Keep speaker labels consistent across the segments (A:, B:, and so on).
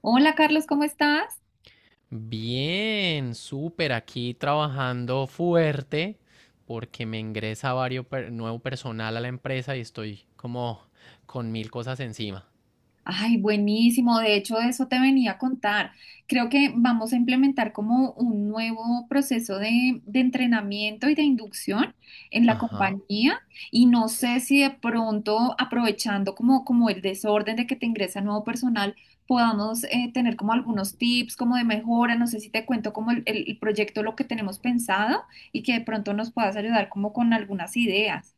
A: Hola Carlos, ¿cómo estás?
B: Bien, súper, aquí trabajando fuerte porque me ingresa nuevo personal a la empresa y estoy como con mil cosas encima.
A: Ay, buenísimo. De hecho, eso te venía a contar. Creo que vamos a implementar como un nuevo proceso de entrenamiento y de inducción en la
B: Ajá.
A: compañía y no sé si de pronto aprovechando como el desorden de que te ingresa nuevo personal, podamos tener como algunos tips como de mejora. No sé si te cuento como el proyecto, lo que tenemos pensado y que de pronto nos puedas ayudar como con algunas ideas.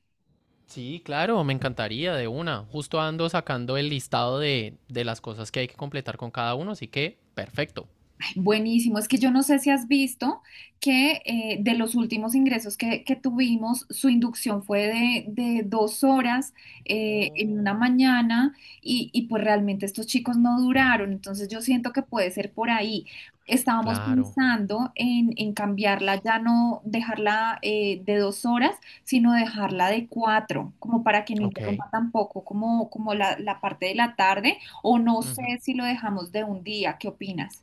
B: Sí, claro, me encantaría de una. Justo ando sacando el listado de las cosas que hay que completar con cada uno, así que perfecto.
A: Buenísimo, es que yo no sé si has visto que de los últimos ingresos que tuvimos, su inducción fue de 2 horas en una
B: Oh.
A: mañana y pues realmente estos chicos no duraron, entonces yo siento que puede ser por ahí. Estábamos
B: Claro,
A: pensando en cambiarla, ya no dejarla de 2 horas, sino dejarla de cuatro, como para que no
B: ok.
A: interrumpa tampoco como la parte de la tarde, o no sé
B: Ujú.
A: si lo dejamos de un día, ¿qué opinas?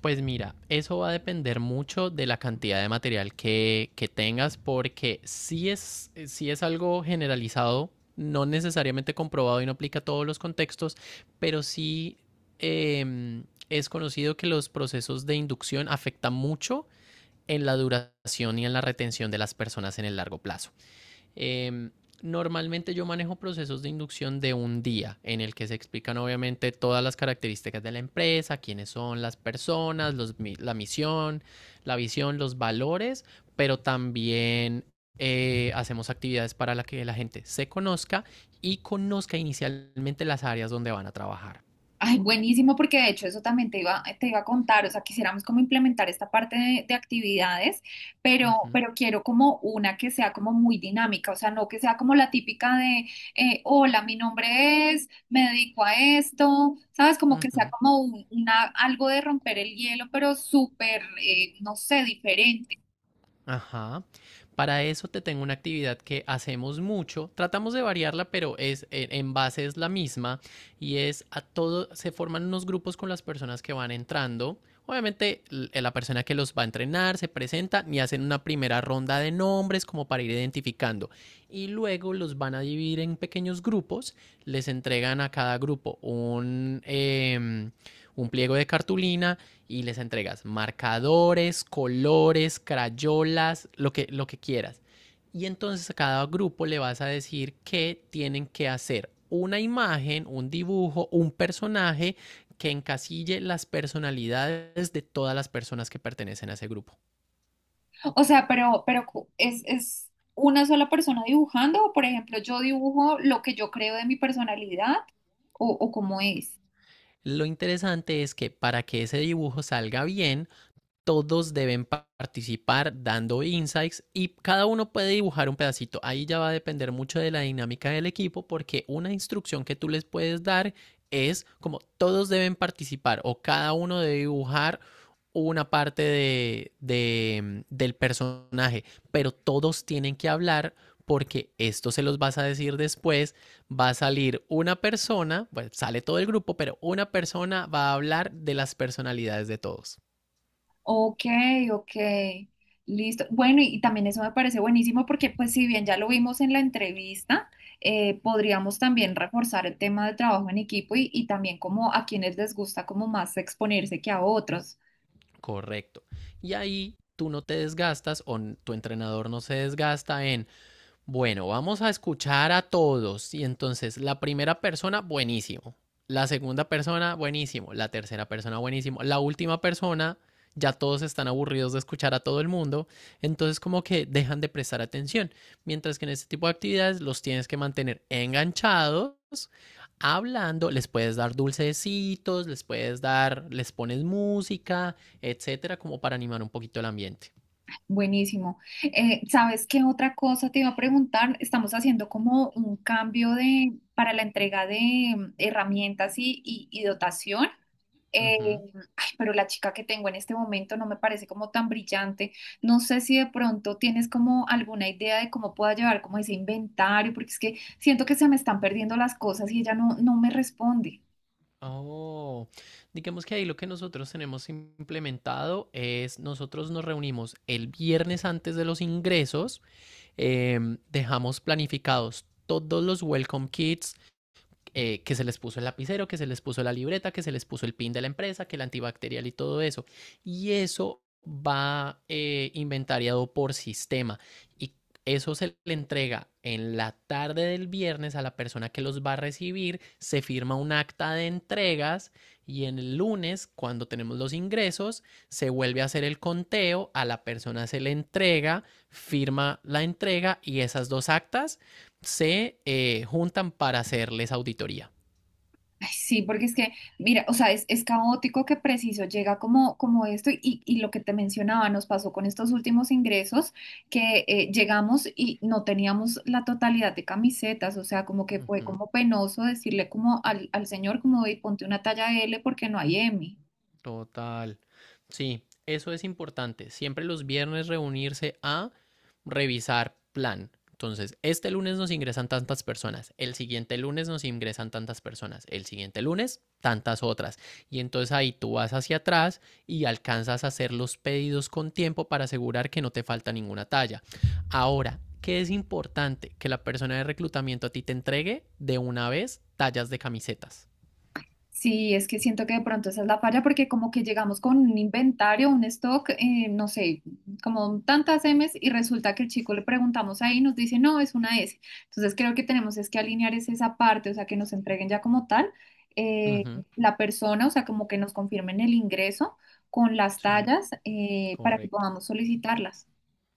B: Pues mira, eso va a depender mucho de la cantidad de material que tengas, porque si es algo generalizado, no necesariamente comprobado y no aplica a todos los contextos, pero sí eh, es conocido que los procesos de inducción afectan mucho en la duración y en la retención de las personas en el largo plazo. Eh, Normalmente yo manejo procesos de inducción de un día en el que se explican obviamente todas las características de la empresa, quiénes son las personas, los, la misión, la visión, los valores, pero también hacemos actividades para la que la gente se conozca y conozca inicialmente las áreas donde van a trabajar.
A: Ay, buenísimo, porque de hecho eso también te iba a contar, o sea, quisiéramos como implementar esta parte de actividades,
B: Uh -huh,
A: pero quiero como una que sea como muy dinámica, o sea, no que sea como la típica de, hola, mi nombre es, me dedico a esto, ¿sabes? Como
B: uh
A: que sea
B: -huh.
A: como algo de romper el hielo, pero súper, no sé, diferente.
B: Ajá. Para eso te tengo una actividad que hacemos mucho. Tratamos de variarla, pero es en base es la misma y es a todo se forman unos grupos con las personas que van entrando. Obviamente la persona que los va a entrenar se presenta y hacen una primera ronda de nombres como para ir identificando y luego los van a dividir en pequeños grupos. Les entregan a cada grupo un pliego de cartulina y les entregas marcadores, colores, crayolas, lo que quieras. Y entonces a cada grupo le vas a decir que tienen que hacer una imagen, un dibujo, un personaje que encasille las personalidades de todas las personas que pertenecen a ese grupo.
A: O sea, pero es una sola persona dibujando, o por ejemplo, yo dibujo lo que yo creo de mi personalidad, o cómo es.
B: Lo interesante es que para que ese dibujo salga bien, todos deben participar dando insights y cada uno puede dibujar un pedacito. Ahí ya va a depender mucho de la dinámica del equipo porque una instrucción que tú les puedes dar es como todos deben participar o cada uno debe dibujar una parte del personaje, pero todos tienen que hablar porque esto se los vas a decir después, va a salir una persona, bueno, sale todo el grupo, pero una persona va a hablar de las personalidades de todos.
A: Ok, ok, listo. Bueno, y también eso me parece buenísimo porque pues si bien ya lo vimos en la entrevista, podríamos también reforzar el tema del trabajo en equipo y también como a quienes les gusta como más exponerse que a otros.
B: Correcto. Y ahí tú no te desgastas o tu entrenador no se desgasta en bueno, vamos a escuchar a todos. Y entonces, la primera persona, buenísimo. La segunda persona, buenísimo. La tercera persona, buenísimo. La última persona, ya todos están aburridos de escuchar a todo el mundo. Entonces, como que dejan de prestar atención. Mientras que en este tipo de actividades los tienes que mantener enganchados, hablando. Les puedes dar dulcecitos, les puedes dar, les pones música, etcétera, como para animar un poquito el ambiente.
A: Buenísimo. ¿ ¿Sabes qué otra cosa te iba a preguntar? Estamos haciendo como un cambio de, para la entrega de herramientas y dotación. eh,
B: Ujú.
A: Ay, pero la chica que tengo en este momento no me parece como tan brillante. No sé si de pronto tienes como alguna idea de cómo pueda llevar como ese inventario, porque es que siento que se me están perdiendo las cosas y ella no me responde.
B: Oh, digamos que ahí lo que nosotros tenemos implementado es nosotros nos reunimos el viernes antes de los ingresos, dejamos planificados todos los welcome kits, que se les puso el lapicero, que se les puso la libreta, que se les puso el pin de la empresa, que el antibacterial y todo eso. Y eso va inventariado por sistema y eso se le entrega en la tarde del viernes a la persona que los va a recibir, se firma un acta de entregas y en el lunes, cuando tenemos los ingresos, se vuelve a hacer el conteo, a la persona se le entrega, firma la entrega y esas dos actas se juntan para hacerles auditoría.
A: Ay, sí, porque es que, mira, o sea, es caótico que preciso llega como esto y lo que te mencionaba nos pasó con estos últimos ingresos que llegamos y no teníamos la totalidad de camisetas, o sea, como que fue
B: Ujú.
A: como penoso decirle como al señor como, "Ey, ponte una talla L porque no hay M".
B: Total. Sí, eso es importante. Siempre los viernes reunirse a revisar plan. Entonces, este lunes nos ingresan tantas personas, el siguiente lunes nos ingresan tantas personas, el siguiente lunes tantas otras. Y entonces ahí tú vas hacia atrás y alcanzas a hacer los pedidos con tiempo para asegurar que no te falta ninguna talla. Ahora, ¿qué es importante? Que la persona de reclutamiento a ti te entregue de una vez tallas de camisetas.
A: Sí, es que siento que de pronto esa es la falla porque como que llegamos con un inventario, un stock, no sé, como tantas M's y resulta que el chico le preguntamos ahí y nos dice, no, es una S. Entonces creo que tenemos es que alinear es esa parte, o sea, que nos entreguen ya como tal eh,
B: Ujú,
A: la persona, o sea, como que nos confirmen el ingreso con las
B: sí,
A: tallas para que
B: correcto.
A: podamos solicitarlas.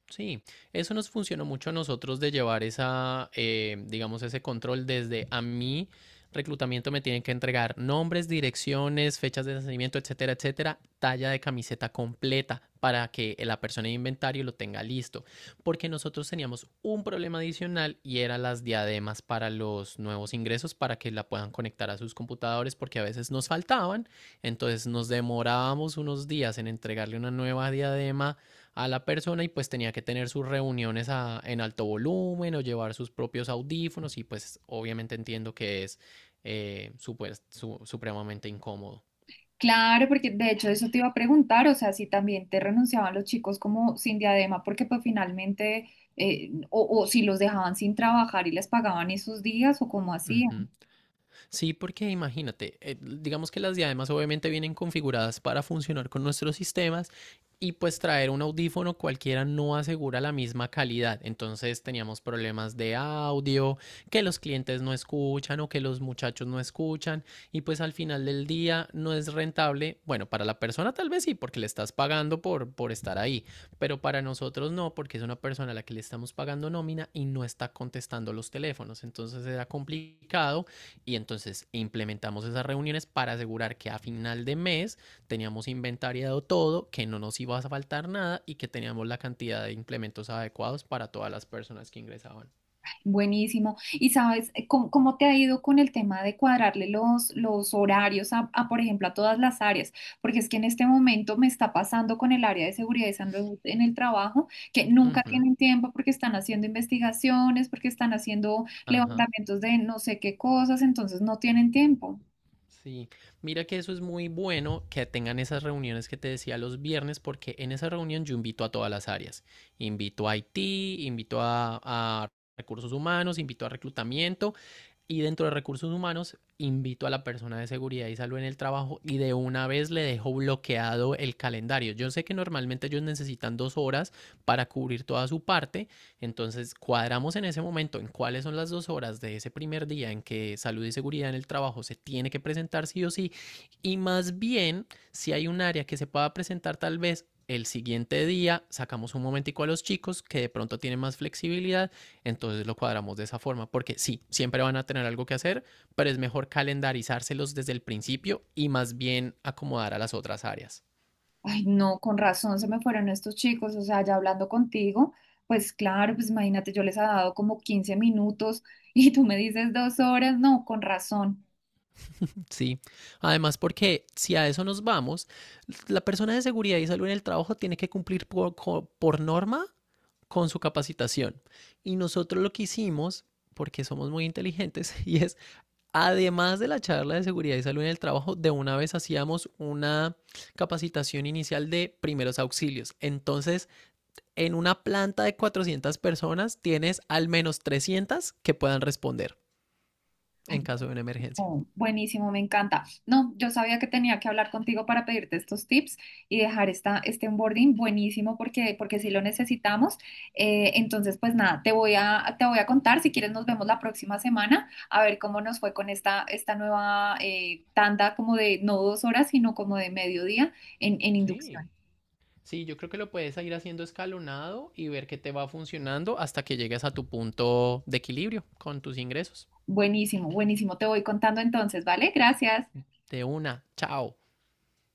B: Sí, eso nos funcionó mucho a nosotros de llevar digamos, ese control desde a mí. Reclutamiento me tienen que entregar nombres, direcciones, fechas de nacimiento, etcétera, etcétera, talla de camiseta completa para que la persona de inventario lo tenga listo. Porque nosotros teníamos un problema adicional y era las diademas para los nuevos ingresos para que la puedan conectar a sus computadores porque a veces nos faltaban. Entonces nos demorábamos unos días en entregarle una nueva diadema a la persona y pues tenía que tener sus reuniones en alto volumen o llevar sus propios audífonos y pues obviamente entiendo que es supremamente incómodo.
A: Claro, porque de hecho eso te iba a preguntar, o sea, si también te renunciaban los chicos como sin diadema, porque pues finalmente, o si los dejaban sin trabajar y les pagaban esos días, o cómo hacían.
B: Ujú. Sí, porque imagínate, digamos que las diademas obviamente vienen configuradas para funcionar con nuestros sistemas y pues traer un audífono cualquiera no asegura la misma calidad. Entonces teníamos problemas de audio, que los clientes no escuchan o que los muchachos no escuchan y pues al final del día no es rentable. Bueno, para la persona tal vez sí, porque le estás pagando por estar ahí, pero para nosotros no, porque es una persona a la que le estamos pagando nómina y no está contestando los teléfonos. Entonces era complicado y entonces implementamos esas reuniones para asegurar que a final de mes teníamos inventariado todo, que no nos iba a faltar nada y que teníamos la cantidad de implementos adecuados para todas las personas que ingresaban.
A: Buenísimo. ¿Y sabes cómo, cómo te ha ido con el tema de cuadrarle los horarios por ejemplo, a todas las áreas? Porque es que en este momento me está pasando con el área de seguridad y salud en el trabajo, que nunca
B: Ujú,
A: tienen tiempo porque están haciendo investigaciones, porque están haciendo
B: ajá.
A: levantamientos de no sé qué cosas, entonces no tienen tiempo.
B: Sí, mira que eso es muy bueno que tengan esas reuniones que te decía los viernes, porque en esa reunión yo invito a todas las áreas. Invito a IT, invito a recursos humanos, invito a reclutamiento y dentro de recursos humanos invito a la persona de seguridad y salud en el trabajo y de una vez le dejo bloqueado el calendario. Yo sé que normalmente ellos necesitan 2 horas para cubrir toda su parte, entonces cuadramos en ese momento en cuáles son las 2 horas de ese primer día en que salud y seguridad en el trabajo se tiene que presentar sí o sí y más bien si hay un área que se pueda presentar tal vez el siguiente día sacamos un momentico a los chicos que de pronto tienen más flexibilidad entonces lo cuadramos de esa forma, porque sí, siempre van a tener algo que hacer, pero es mejor calendarizárselos desde el principio y más bien acomodar a las otras áreas.
A: Ay, no, con razón se me fueron estos chicos, o sea, ya hablando contigo, pues claro, pues imagínate, yo les he dado como 15 minutos y tú me dices 2 horas, no, con razón.
B: Sí, además porque si a eso nos vamos, la persona de seguridad y salud en el trabajo tiene que cumplir por norma con su capacitación. Y nosotros lo que hicimos, porque somos muy inteligentes, y es, además de la charla de seguridad y salud en el trabajo, de una vez hacíamos una capacitación inicial de primeros auxilios. Entonces, en una planta de 400 personas tienes al menos 300 que puedan responder
A: Ay,
B: en caso de una emergencia.
A: oh, buenísimo, me encanta. No, yo sabía que tenía que hablar contigo para pedirte estos tips y dejar este onboarding buenísimo porque, porque sí lo necesitamos. Entonces, pues nada, te voy a contar. Si quieres, nos vemos la próxima semana a ver cómo nos fue con esta nueva tanda como de no 2 horas, sino como de mediodía en
B: Sí.
A: inducción.
B: Sí, yo creo que lo puedes ir haciendo escalonado y ver qué te va funcionando hasta que llegues a tu punto de equilibrio con tus ingresos.
A: Buenísimo, buenísimo. Te voy contando entonces, ¿vale? Gracias.
B: De una, chao.